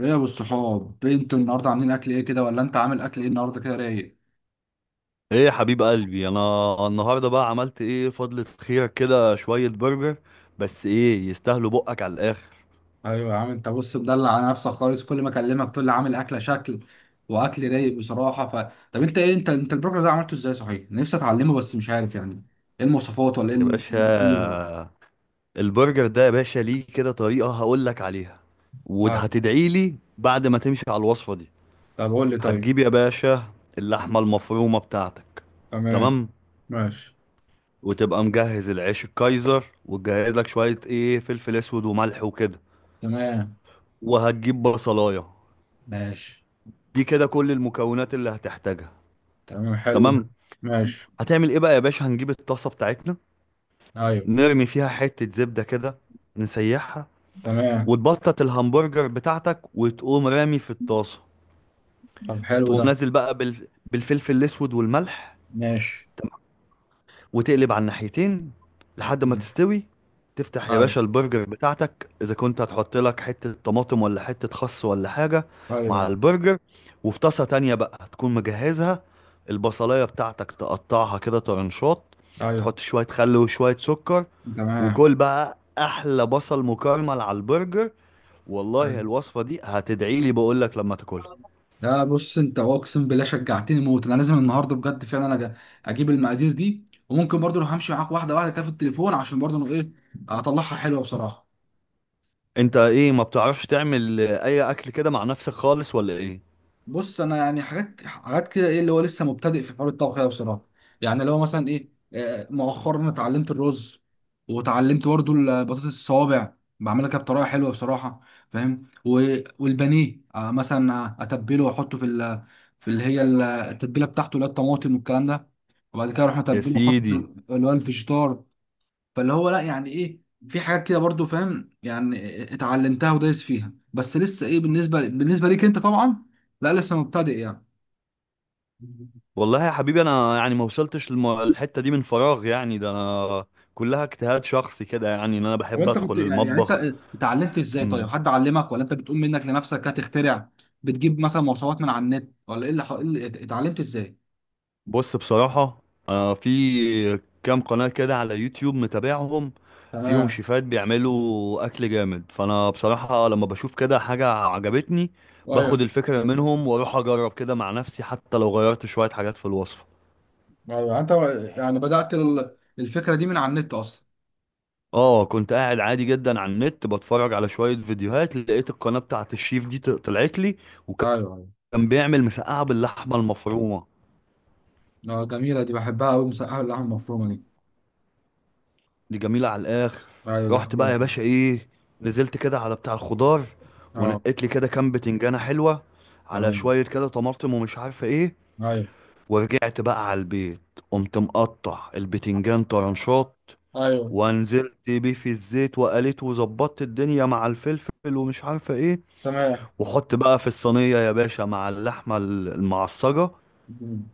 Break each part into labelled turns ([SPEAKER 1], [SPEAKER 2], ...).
[SPEAKER 1] ايه يا ابو الصحاب، إيه انتوا النهارده عاملين اكل ايه كده؟ ولا انت عامل اكل ايه النهارده كده رايق؟
[SPEAKER 2] ايه يا حبيب قلبي، انا النهارده بقى عملت ايه؟ فضلة خيرك كده شوية برجر. بس ايه، يستاهلوا بقك على الاخر.
[SPEAKER 1] ايوه يا عم. انت بص مدلع على نفسك خالص، كل ما اكلمك تقول لي عامل اكله شكل واكل رايق بصراحه. طب انت ايه، انت البروجرام ده عملته ازاي؟ صحيح، نفسي اتعلمه بس مش عارف يعني، ايه المواصفات ولا ايه
[SPEAKER 2] يا
[SPEAKER 1] إيه ال-
[SPEAKER 2] باشا، البرجر ده يا باشا ليه كده طريقة هقول لك عليها
[SPEAKER 1] طيب.
[SPEAKER 2] وهتدعي لي بعد ما تمشي على الوصفة دي.
[SPEAKER 1] طب قول لي. طيب.
[SPEAKER 2] هتجيب يا باشا اللحمة المفرومة بتاعتك.
[SPEAKER 1] تمام.
[SPEAKER 2] تمام.
[SPEAKER 1] ماشي.
[SPEAKER 2] وتبقى مجهز العيش الكايزر وتجهز لك شوية ايه، فلفل اسود وملح وكده.
[SPEAKER 1] تمام.
[SPEAKER 2] وهتجيب بصلاية.
[SPEAKER 1] ماشي.
[SPEAKER 2] دي كده كل المكونات اللي هتحتاجها.
[SPEAKER 1] تمام، حلو ده.
[SPEAKER 2] تمام.
[SPEAKER 1] ماشي.
[SPEAKER 2] هتعمل ايه بقى يا باشا؟ هنجيب الطاسه بتاعتنا،
[SPEAKER 1] ايوه.
[SPEAKER 2] نرمي فيها حته زبده كده، نسيحها،
[SPEAKER 1] تمام.
[SPEAKER 2] وتبطط الهمبرجر بتاعتك وتقوم رامي في الطاسه.
[SPEAKER 1] طب حلو
[SPEAKER 2] تقوم
[SPEAKER 1] ده.
[SPEAKER 2] نازل بقى بالفلفل الاسود والملح.
[SPEAKER 1] ماشي.
[SPEAKER 2] تمام. وتقلب على الناحيتين لحد ما تستوي. تفتح يا
[SPEAKER 1] ايوه.
[SPEAKER 2] باشا البرجر بتاعتك اذا كنت هتحط لك حته طماطم ولا حته خس ولا حاجه مع
[SPEAKER 1] ايوه.
[SPEAKER 2] البرجر. وفي طاسه تانية بقى هتكون مجهزها البصلايه بتاعتك، تقطعها كده طرنشات،
[SPEAKER 1] ايوه.
[SPEAKER 2] تحط شويه خل وشويه سكر.
[SPEAKER 1] تمام.
[SPEAKER 2] وكل بقى احلى بصل مكرمل على البرجر. والله الوصفه دي هتدعي لي بقول لك لما تاكلها.
[SPEAKER 1] لا بص، انت اقسم بالله شجعتني موت، انا لازم النهارده بجد فعلا، انا اجيب المقادير دي. وممكن برضو لو همشي معاك واحده واحده كده في التليفون، عشان برضو انا اطلعها حلوه بصراحه.
[SPEAKER 2] انت ايه، ما بتعرفش تعمل اي اكل كده مع نفسك خالص ولا ايه؟
[SPEAKER 1] بص انا يعني حاجات حاجات كده، ايه اللي هو لسه مبتدئ في حوار الطبخ ده بصراحه. يعني لو مثلا ايه آه، مؤخرا اتعلمت الرز، وتعلمت برضو البطاطس الصوابع، بعملها كده بطريقه حلوه بصراحه، فاهم. والبانيه، مثلا اتبله واحطه في في اللي هي التتبيله بتاعته، اللي هي الطماطم والكلام ده. وبعد كده اروح
[SPEAKER 2] يا
[SPEAKER 1] اتبله واحطه في
[SPEAKER 2] سيدي.
[SPEAKER 1] اللي هو الفيجيتار. فاللي هو لا، يعني ايه، في حاجات كده برضو فاهم، يعني اتعلمتها ودايس فيها، بس لسه ايه بالنسبه ليك انت طبعا، لا لسه مبتدئ يعني.
[SPEAKER 2] والله يا حبيبي انا يعني ما وصلتش للحته دي من فراغ يعني، ده انا كلها اجتهاد شخصي كده يعني، ان انا
[SPEAKER 1] طب
[SPEAKER 2] بحب
[SPEAKER 1] انت
[SPEAKER 2] ادخل
[SPEAKER 1] كنت يعني يعني انت
[SPEAKER 2] المطبخ.
[SPEAKER 1] اتعلمت ازاي طيب؟
[SPEAKER 2] مم.
[SPEAKER 1] حد علمك ولا انت بتقوم منك لنفسك هتخترع؟ بتجيب مثلا مواصفات من على النت ولا ايه اللي إيه اللي اتعلمت ازاي؟
[SPEAKER 2] بص بصراحة، أنا في كام قناة كده على يوتيوب متابعهم، فيهم
[SPEAKER 1] تمام.
[SPEAKER 2] شيفات بيعملوا أكل جامد. فأنا بصراحة لما بشوف كده حاجة عجبتني باخد
[SPEAKER 1] ايوه
[SPEAKER 2] الفكرة منهم وأروح أجرب كده مع نفسي، حتى لو غيرت شوية حاجات في الوصفة.
[SPEAKER 1] يعني انت، يعني بدأت الفكره دي من على النت اصلا؟
[SPEAKER 2] اه، كنت قاعد عادي جدا على النت بتفرج على شوية فيديوهات، لقيت القناة بتاعت الشيف دي طلعت لي،
[SPEAKER 1] ايوه.
[SPEAKER 2] وكان
[SPEAKER 1] ايوه.
[SPEAKER 2] بيعمل مسقعة باللحمة المفرومة.
[SPEAKER 1] اه جميله دي، بحبها قوي مسقعه اللحمه المفرومه دي.
[SPEAKER 2] دي جميلة على الآخر.
[SPEAKER 1] ايوه دي
[SPEAKER 2] رحت بقى يا
[SPEAKER 1] حبيبي.
[SPEAKER 2] باشا إيه، نزلت كده على بتاع الخضار
[SPEAKER 1] اه.
[SPEAKER 2] ونقيت لي كده كام بتنجانة حلوة على
[SPEAKER 1] تمام.
[SPEAKER 2] شوية كده طماطم ومش عارفة إيه،
[SPEAKER 1] ايوه.
[SPEAKER 2] ورجعت بقى على البيت، قمت مقطع البتنجان طرنشات
[SPEAKER 1] ايوه.
[SPEAKER 2] ونزلت بيه في الزيت وقليت وظبطت الدنيا مع الفلفل ومش عارفة إيه،
[SPEAKER 1] تمام.
[SPEAKER 2] وحط بقى في الصينية يا باشا مع اللحمة المعصجة.
[SPEAKER 1] مم.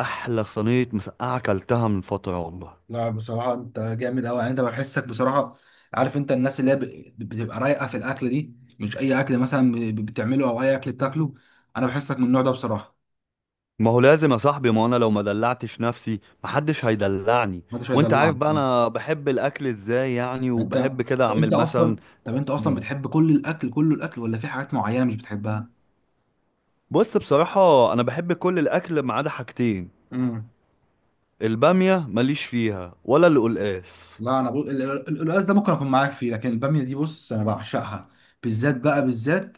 [SPEAKER 2] أحلى صينية مسقعة أكلتها من فترة والله.
[SPEAKER 1] لا بصراحة انت جامد قوي، يعني انت بحسك بصراحة، عارف انت الناس اللي هي بتبقى رايقة في الاكل دي، مش اي اكل مثلا بتعمله او اي اكل بتاكله، انا بحسك من النوع ده بصراحة.
[SPEAKER 2] ما هو لازم يا صاحبي، ما انا لو ما دلعتش نفسي محدش هيدلعني.
[SPEAKER 1] محدش
[SPEAKER 2] وانت عارف
[SPEAKER 1] هيدلعك،
[SPEAKER 2] بقى
[SPEAKER 1] آه.
[SPEAKER 2] انا بحب الاكل ازاي يعني،
[SPEAKER 1] انت
[SPEAKER 2] وبحب كده
[SPEAKER 1] طب انت
[SPEAKER 2] اعمل مثلا.
[SPEAKER 1] اصلا طب انت اصلا
[SPEAKER 2] مم.
[SPEAKER 1] بتحب كل الاكل، كله الاكل، ولا في حاجات معينة مش بتحبها؟
[SPEAKER 2] بص بصراحة، انا بحب كل الاكل ما عدا حاجتين، البامية ماليش فيها ولا القلقاس.
[SPEAKER 1] لا انا بقول القلقاس ده ممكن اكون معاك فيه، لكن الباميه دي بص انا بعشقها، بالذات بقى بالذات.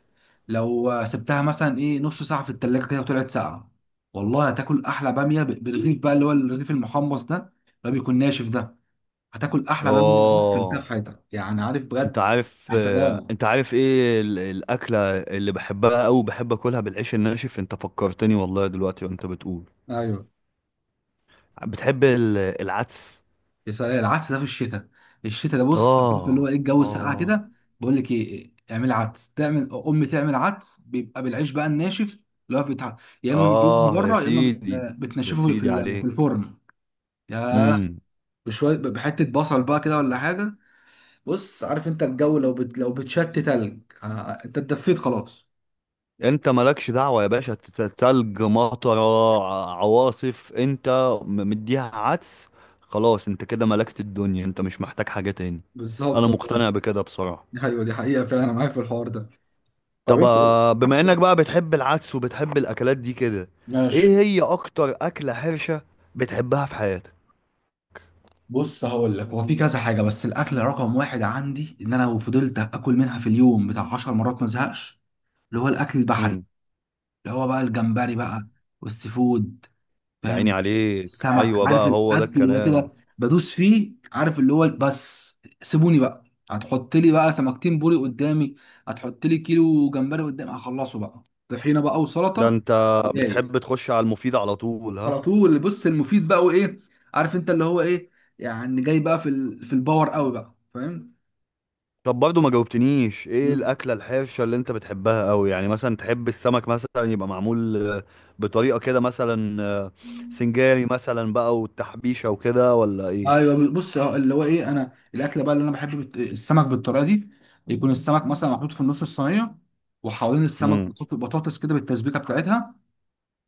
[SPEAKER 1] لو سبتها مثلا نص ساعه في التلاجة كده، وطلعت ساقعه، والله هتاكل احلى باميه بالرغيف بقى، اللي هو الرغيف المحمص ده اللي هو بيكون ناشف ده، هتاكل احلى باميه ممكن كلتها
[SPEAKER 2] اه.
[SPEAKER 1] في حياتك يعني، عارف
[SPEAKER 2] انت
[SPEAKER 1] بجد.
[SPEAKER 2] عارف،
[SPEAKER 1] يا سلام.
[SPEAKER 2] انت عارف ايه الاكلة اللي بحبها اوي؟ بحب اكلها بالعيش الناشف. انت فكرتني والله دلوقتي وانت بتقول.
[SPEAKER 1] ايوه.
[SPEAKER 2] بتحب العدس؟
[SPEAKER 1] العدس ده في الشتاء. الشتاء ده بص، عارف اللي هو
[SPEAKER 2] اه.
[SPEAKER 1] ايه، الجو ساقع
[SPEAKER 2] اه.
[SPEAKER 1] كده. بقول لك ايه، اعمل عدس، تعمل امي تعمل عدس، بيبقى بالعيش بقى الناشف، اللي هو بتاع، يا اما بتجيبه من
[SPEAKER 2] اه. يا
[SPEAKER 1] بره، يا اما
[SPEAKER 2] سيدي. يا
[SPEAKER 1] بتنشفه في
[SPEAKER 2] سيدي
[SPEAKER 1] في
[SPEAKER 2] عليك.
[SPEAKER 1] الفرن. يا
[SPEAKER 2] امم.
[SPEAKER 1] بشويه بحته بصل بقى كده، ولا حاجه. بص، عارف انت الجو لو بتشت تلج، انت اتدفيت خلاص.
[SPEAKER 2] انت مالكش دعوة يا باشا، تلج مطر عواصف، انت مديها عدس خلاص. انت كده ملكت الدنيا، انت مش محتاج حاجة تاني. انا
[SPEAKER 1] بالظبط.
[SPEAKER 2] مقتنع بكده بصراحة.
[SPEAKER 1] ايوه دي حقيقه فعلا، انا معاك في الحوار ده. طب
[SPEAKER 2] طب
[SPEAKER 1] انت إيه؟
[SPEAKER 2] بما انك بقى بتحب العدس وبتحب الاكلات دي كده،
[SPEAKER 1] ماشي.
[SPEAKER 2] ايه هي اكتر اكلة حرشة بتحبها في حياتك؟
[SPEAKER 1] بص هقول لك، هو في كذا حاجه، بس الاكل رقم واحد عندي ان انا لو فضلت اكل منها في اليوم بتاع 10 مرات ما ازهقش، اللي هو الاكل البحري،
[SPEAKER 2] امم.
[SPEAKER 1] اللي هو بقى الجمبري بقى والسي فود،
[SPEAKER 2] يا عيني
[SPEAKER 1] فاهم.
[SPEAKER 2] عليك،
[SPEAKER 1] السمك،
[SPEAKER 2] ايوه
[SPEAKER 1] عارف
[SPEAKER 2] بقى، هو ده
[SPEAKER 1] الاكل ده
[SPEAKER 2] الكلام.
[SPEAKER 1] كده بدوس فيه، عارف اللي هو بس سيبوني بقى، هتحط لي بقى سمكتين بوري قدامي، هتحط لي كيلو جمبري قدامي، هخلصه بقى طحينه بقى
[SPEAKER 2] ده
[SPEAKER 1] وسلطه،
[SPEAKER 2] انت بتحب
[SPEAKER 1] جاهز.
[SPEAKER 2] تخش على المفيد على طول ها.
[SPEAKER 1] على طول. بص المفيد بقى وايه، عارف انت اللي هو ايه، يعني جاي بقى في الباور قوي بقى، فاهم.
[SPEAKER 2] طب برضو ما جاوبتنيش، ايه
[SPEAKER 1] مم.
[SPEAKER 2] الاكله الحرشه اللي انت بتحبها قوي يعني؟ مثلا تحب السمك مثلا يبقى معمول بطريقه كده مثلا، سنجاري مثلا بقى والتحبيشه وكده، ولا ايه؟
[SPEAKER 1] ايوه بص، هو اللي هو ايه، انا الاكله بقى اللي انا بحب السمك بالطريقه دي، يكون السمك مثلا محطوط في النص الصينيه، وحوالين السمك
[SPEAKER 2] امم.
[SPEAKER 1] بطاطس كده بالتسبيكه بتاعتها،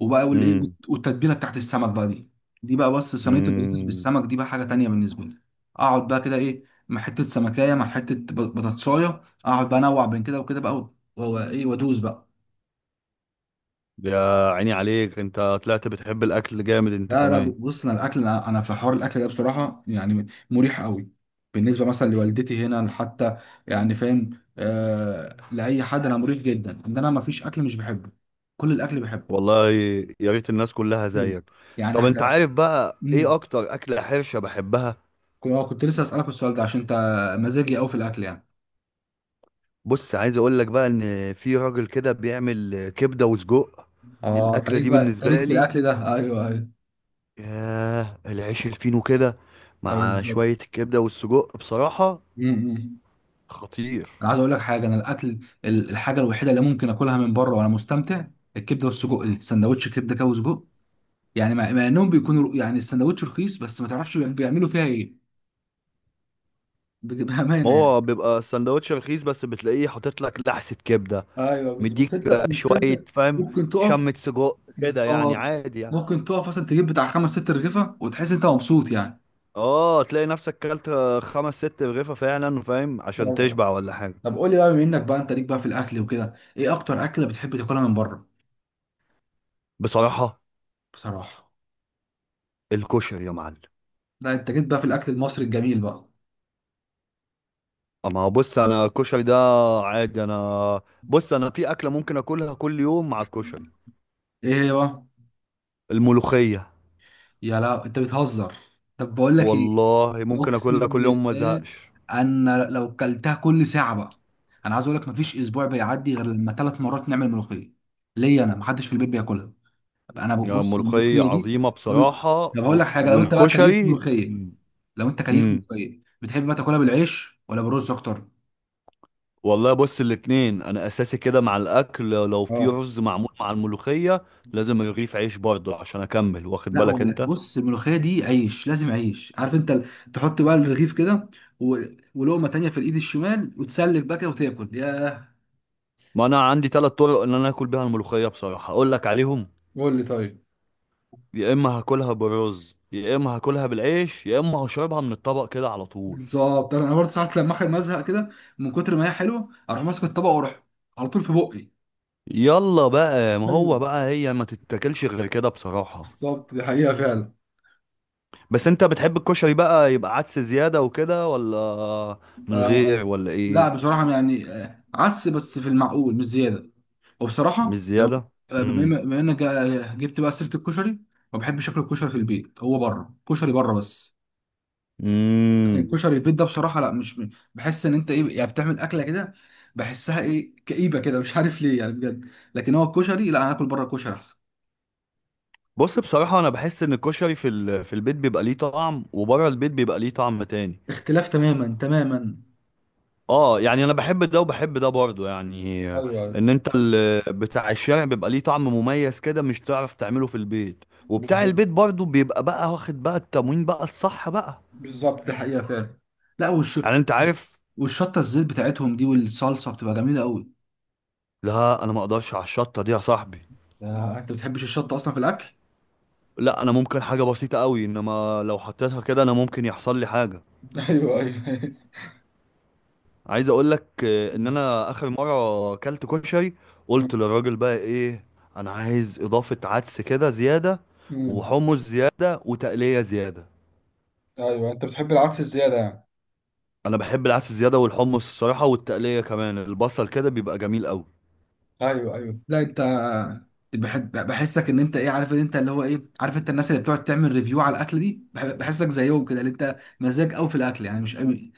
[SPEAKER 1] وبقى
[SPEAKER 2] امم.
[SPEAKER 1] والتتبيله بتاعت السمك بقى دي، دي بقى بص، صينيه البطاطس
[SPEAKER 2] امم.
[SPEAKER 1] بالسمك دي بقى حاجه تانيه بالنسبه لي. اقعد بقى كده مع حته سمكايه، مع حته بطاطسايه، اقعد بقى انوع بين كده وكده بقى، و- وايه وادوس بقى.
[SPEAKER 2] يا عيني عليك، انت طلعت بتحب الاكل جامد انت
[SPEAKER 1] لا لا
[SPEAKER 2] كمان.
[SPEAKER 1] بص، انا الاكل انا أنا في حوار الاكل ده بصراحه يعني مريح قوي، بالنسبه مثلا لوالدتي هنا حتى، يعني فاهم، لاي حد انا مريح جدا ان انا ما فيش اكل مش بحبه، كل الاكل بحبه.
[SPEAKER 2] والله يا ريت الناس كلها
[SPEAKER 1] مم.
[SPEAKER 2] زيك.
[SPEAKER 1] يعني
[SPEAKER 2] طب انت
[SPEAKER 1] حتى
[SPEAKER 2] عارف بقى ايه
[SPEAKER 1] امم
[SPEAKER 2] اكتر اكله حرشه بحبها؟
[SPEAKER 1] كنت لسه اسالك السؤال ده عشان انت مزاجي قوي في الاكل يعني.
[SPEAKER 2] بص عايز اقول لك بقى، ان في راجل كده بيعمل كبده وسجق.
[SPEAKER 1] اه
[SPEAKER 2] الاكله
[SPEAKER 1] التاريخ
[SPEAKER 2] دي
[SPEAKER 1] بقى، التاريخ
[SPEAKER 2] بالنسبه
[SPEAKER 1] في
[SPEAKER 2] لي،
[SPEAKER 1] الاكل ده ايوه ايوه.
[SPEAKER 2] ياه، العيش الفينو كده
[SPEAKER 1] ايوه
[SPEAKER 2] مع
[SPEAKER 1] بالظبط.
[SPEAKER 2] شوية الكبدة والسجق بصراحة،
[SPEAKER 1] أمم، أمم.
[SPEAKER 2] خطير.
[SPEAKER 1] انا عايز اقول لك حاجه، انا الاكل، الحاجه الوحيده اللي ممكن اكلها من بره وانا مستمتع، الكبده والسجق دي، سندوتش كبده كده وسجق، يعني مع انهم بيكونوا يعني السندوتش رخيص، بس ما تعرفش بيعملوا فيها ايه،
[SPEAKER 2] ما
[SPEAKER 1] بامانه يعني.
[SPEAKER 2] هو بيبقى سندوتش رخيص بس بتلاقيه حاطط لك لحسة كبدة،
[SPEAKER 1] ايوه بس
[SPEAKER 2] مديك
[SPEAKER 1] بس انت مش انت،
[SPEAKER 2] شوية فاهم،
[SPEAKER 1] ممكن تقف.
[SPEAKER 2] شمة سجق كده يعني،
[SPEAKER 1] بالظبط.
[SPEAKER 2] عادي يعني.
[SPEAKER 1] ممكن تقف مثلا تجيب بتاع خمس ست رغيفه وتحس انت مبسوط يعني.
[SPEAKER 2] اه، تلاقي نفسك كلت 5 6 رغيفة فعلا فاهم، عشان
[SPEAKER 1] ايوه.
[SPEAKER 2] تشبع ولا حاجة.
[SPEAKER 1] طب قول لي بقى، بما انك بقى انت ليك بقى في الاكل وكده، ايه اكتر اكله بتحب تاكلها من بره؟
[SPEAKER 2] بصراحة،
[SPEAKER 1] بصراحه.
[SPEAKER 2] الكشري يا معلم.
[SPEAKER 1] لا انت جيت بقى في الاكل المصري الجميل بقى.
[SPEAKER 2] اما بص، انا الكشري ده عادي انا. بص انا في اكلة ممكن اكلها كل يوم مع الكشري،
[SPEAKER 1] ايه هي بقى؟
[SPEAKER 2] الملوخية.
[SPEAKER 1] لا انت بتهزر. طب بقول لك ايه،
[SPEAKER 2] والله ممكن
[SPEAKER 1] اقسم
[SPEAKER 2] اكلها كل يوم ما
[SPEAKER 1] بالله
[SPEAKER 2] ازهقش.
[SPEAKER 1] انا لو كلتها كل ساعه بقى، انا عايز اقول لك مفيش اسبوع بيعدي غير لما 3 مرات نعمل ملوخيه، ليا انا، محدش في البيت بياكلها، انا
[SPEAKER 2] يعني
[SPEAKER 1] ببص
[SPEAKER 2] ملوخية
[SPEAKER 1] الملوخيه دي.
[SPEAKER 2] عظيمة
[SPEAKER 1] طب
[SPEAKER 2] بصراحة
[SPEAKER 1] هقول
[SPEAKER 2] و...
[SPEAKER 1] لك حاجه،
[SPEAKER 2] والكشري
[SPEAKER 1] لو انت كيف
[SPEAKER 2] امم.
[SPEAKER 1] ملوخيه، بتحب بقى تاكلها بالعيش ولا بالرز اكتر؟
[SPEAKER 2] والله بص، الاتنين انا اساسي كده مع الاكل. لو في
[SPEAKER 1] اه.
[SPEAKER 2] رز معمول مع الملوخية لازم رغيف عيش برضه عشان اكمل، واخد
[SPEAKER 1] لا
[SPEAKER 2] بالك
[SPEAKER 1] ولا
[SPEAKER 2] انت.
[SPEAKER 1] بص، الملوخيه دي عيش لازم عيش، عارف انت تحط بقى الرغيف كده، و... ولقمه تانية في الايد الشمال، وتسلك بقى كده وتاكل. ياه.
[SPEAKER 2] ما انا عندي 3 طرق ان انا اكل بيها الملوخية بصراحة، اقول لك عليهم.
[SPEAKER 1] قول لي طيب.
[SPEAKER 2] يا اما هاكلها بالرز، يا اما هاكلها بالعيش، يا اما هشربها من الطبق كده على طول.
[SPEAKER 1] بالظبط، انا برضه ساعات لما اخر مزهق كده، من كتر ما هي حلوه اروح ماسك الطبق واروح على طول في بقي.
[SPEAKER 2] يلا بقى، ما
[SPEAKER 1] ايوه.
[SPEAKER 2] هو بقى هي ما تتاكلش غير كده بصراحة.
[SPEAKER 1] بالظبط دي حقيقه فعلا.
[SPEAKER 2] بس انت بتحب الكشري بقى يبقى عدس زيادة وكده، ولا من
[SPEAKER 1] آه.
[SPEAKER 2] غير، ولا
[SPEAKER 1] لا
[SPEAKER 2] ايه؟
[SPEAKER 1] بصراحه يعني عدس بس في المعقول مش زياده،
[SPEAKER 2] مش
[SPEAKER 1] وبصراحه لو
[SPEAKER 2] زيادة. امم.
[SPEAKER 1] بما انك جبت بقى سيره الكشري، ما بحبش اكل الكشري في البيت، هو بره كشري بره بس، لكن
[SPEAKER 2] امم.
[SPEAKER 1] الكشري البيت ده بصراحه لا مش بحس ان انت ايه، يعني بتعمل اكله كده، بحسها ايه كئيبه كده مش عارف ليه يعني بجد، لكن هو الكشري لا، انا اكل بره الكشري احسن.
[SPEAKER 2] بص بصراحة، انا بحس ان الكشري في البيت بيبقى ليه طعم، وبره البيت بيبقى ليه طعم تاني.
[SPEAKER 1] اختلاف تماما تماما.
[SPEAKER 2] اه، يعني انا بحب ده وبحب ده برضه يعني.
[SPEAKER 1] ايوه ايوه
[SPEAKER 2] ان انت بتاع الشارع بيبقى ليه طعم مميز كده مش تعرف تعمله في البيت، وبتاع
[SPEAKER 1] بالظبط.
[SPEAKER 2] البيت برضه بيبقى بقى واخد بقى التموين بقى الصح بقى.
[SPEAKER 1] بالظبط دي حقيقة فعلا. لا
[SPEAKER 2] يعني انت عارف.
[SPEAKER 1] والشطة الزيت بتاعتهم دي والصلصة بتبقى جميلة قوي.
[SPEAKER 2] لا انا ما اقدرش على الشطة دي يا صاحبي.
[SPEAKER 1] انت بتحبش الشطة اصلا في الاكل.
[SPEAKER 2] لا انا ممكن حاجه بسيطه قوي، انما لو حطيتها كده انا ممكن يحصل لي حاجه.
[SPEAKER 1] ايوه ايوه.
[SPEAKER 2] عايز اقول لك ان انا اخر مره اكلت كشري
[SPEAKER 1] مم.
[SPEAKER 2] قلت للراجل بقى ايه، انا عايز اضافه عدس كده زياده
[SPEAKER 1] امم
[SPEAKER 2] وحمص زياده وتقليه زياده.
[SPEAKER 1] ايوه انت بتحب العدس الزياده يعني.
[SPEAKER 2] انا بحب العدس زياده والحمص الصراحه والتقليه كمان البصل كده بيبقى جميل قوي.
[SPEAKER 1] ايوه ايوه. لا انت بحسك ان انت ايه، عارف ان انت اللي هو ايه، عارف انت الناس اللي بتقعد تعمل ريفيو على الاكل دي، بحسك زيهم كده، اللي انت مزاج قوي في الاكل يعني مش قوي.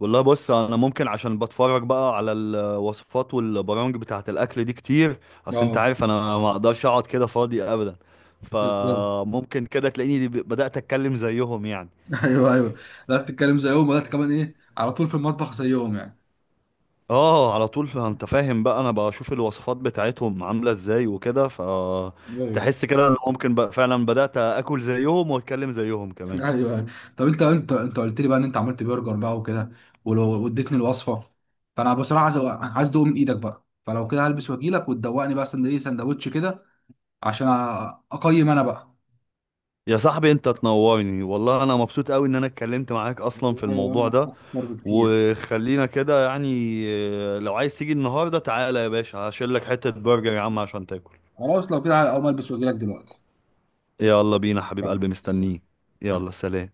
[SPEAKER 2] والله بص، انا ممكن عشان بتفرج بقى على الوصفات والبرامج بتاعه الاكل دي كتير. اصل انت
[SPEAKER 1] اه
[SPEAKER 2] عارف انا ما اقدرش اقعد كده فاضي ابدا،
[SPEAKER 1] بالظبط.
[SPEAKER 2] فممكن كده تلاقيني بدات اتكلم زيهم يعني.
[SPEAKER 1] ايوه ايوه. لا بتتكلم زيهم، ولا كمان ايه، على طول في المطبخ زيهم يعني.
[SPEAKER 2] اه، على طول، انت فاهم بقى، انا بشوف الوصفات بتاعتهم عامله ازاي وكده،
[SPEAKER 1] ايوه
[SPEAKER 2] فتحس كده ان ممكن بقى فعلا بدات اكل زيهم واتكلم زيهم
[SPEAKER 1] ايوه.
[SPEAKER 2] كمان.
[SPEAKER 1] أيوة. طب انت، انت قلت لي بقى ان انت عملت برجر بقى وكده، ولو واديتني الوصفه، فانا بصراحه عايز عايز ادوق من ايدك بقى، فلو كده هلبس واجيلك وتدوقني بقى سندوتش سندوتش كده، عشان اقيم انا بقى.
[SPEAKER 2] يا صاحبي انت تنورني والله، انا مبسوط قوي ان انا اتكلمت معاك اصلا في
[SPEAKER 1] ايوه
[SPEAKER 2] الموضوع
[SPEAKER 1] انا
[SPEAKER 2] ده.
[SPEAKER 1] اكتر بكتير.
[SPEAKER 2] وخلينا كده يعني، لو عايز تيجي النهارده تعالى يا باشا هشيل لك حتة برجر يا عم عشان تاكل.
[SPEAKER 1] خلاص لو كده اقوم البس واجيلك دلوقتي.
[SPEAKER 2] يلا بينا حبيب
[SPEAKER 1] يلا.
[SPEAKER 2] قلبي مستنيك.
[SPEAKER 1] سلام.
[SPEAKER 2] يلا سلام.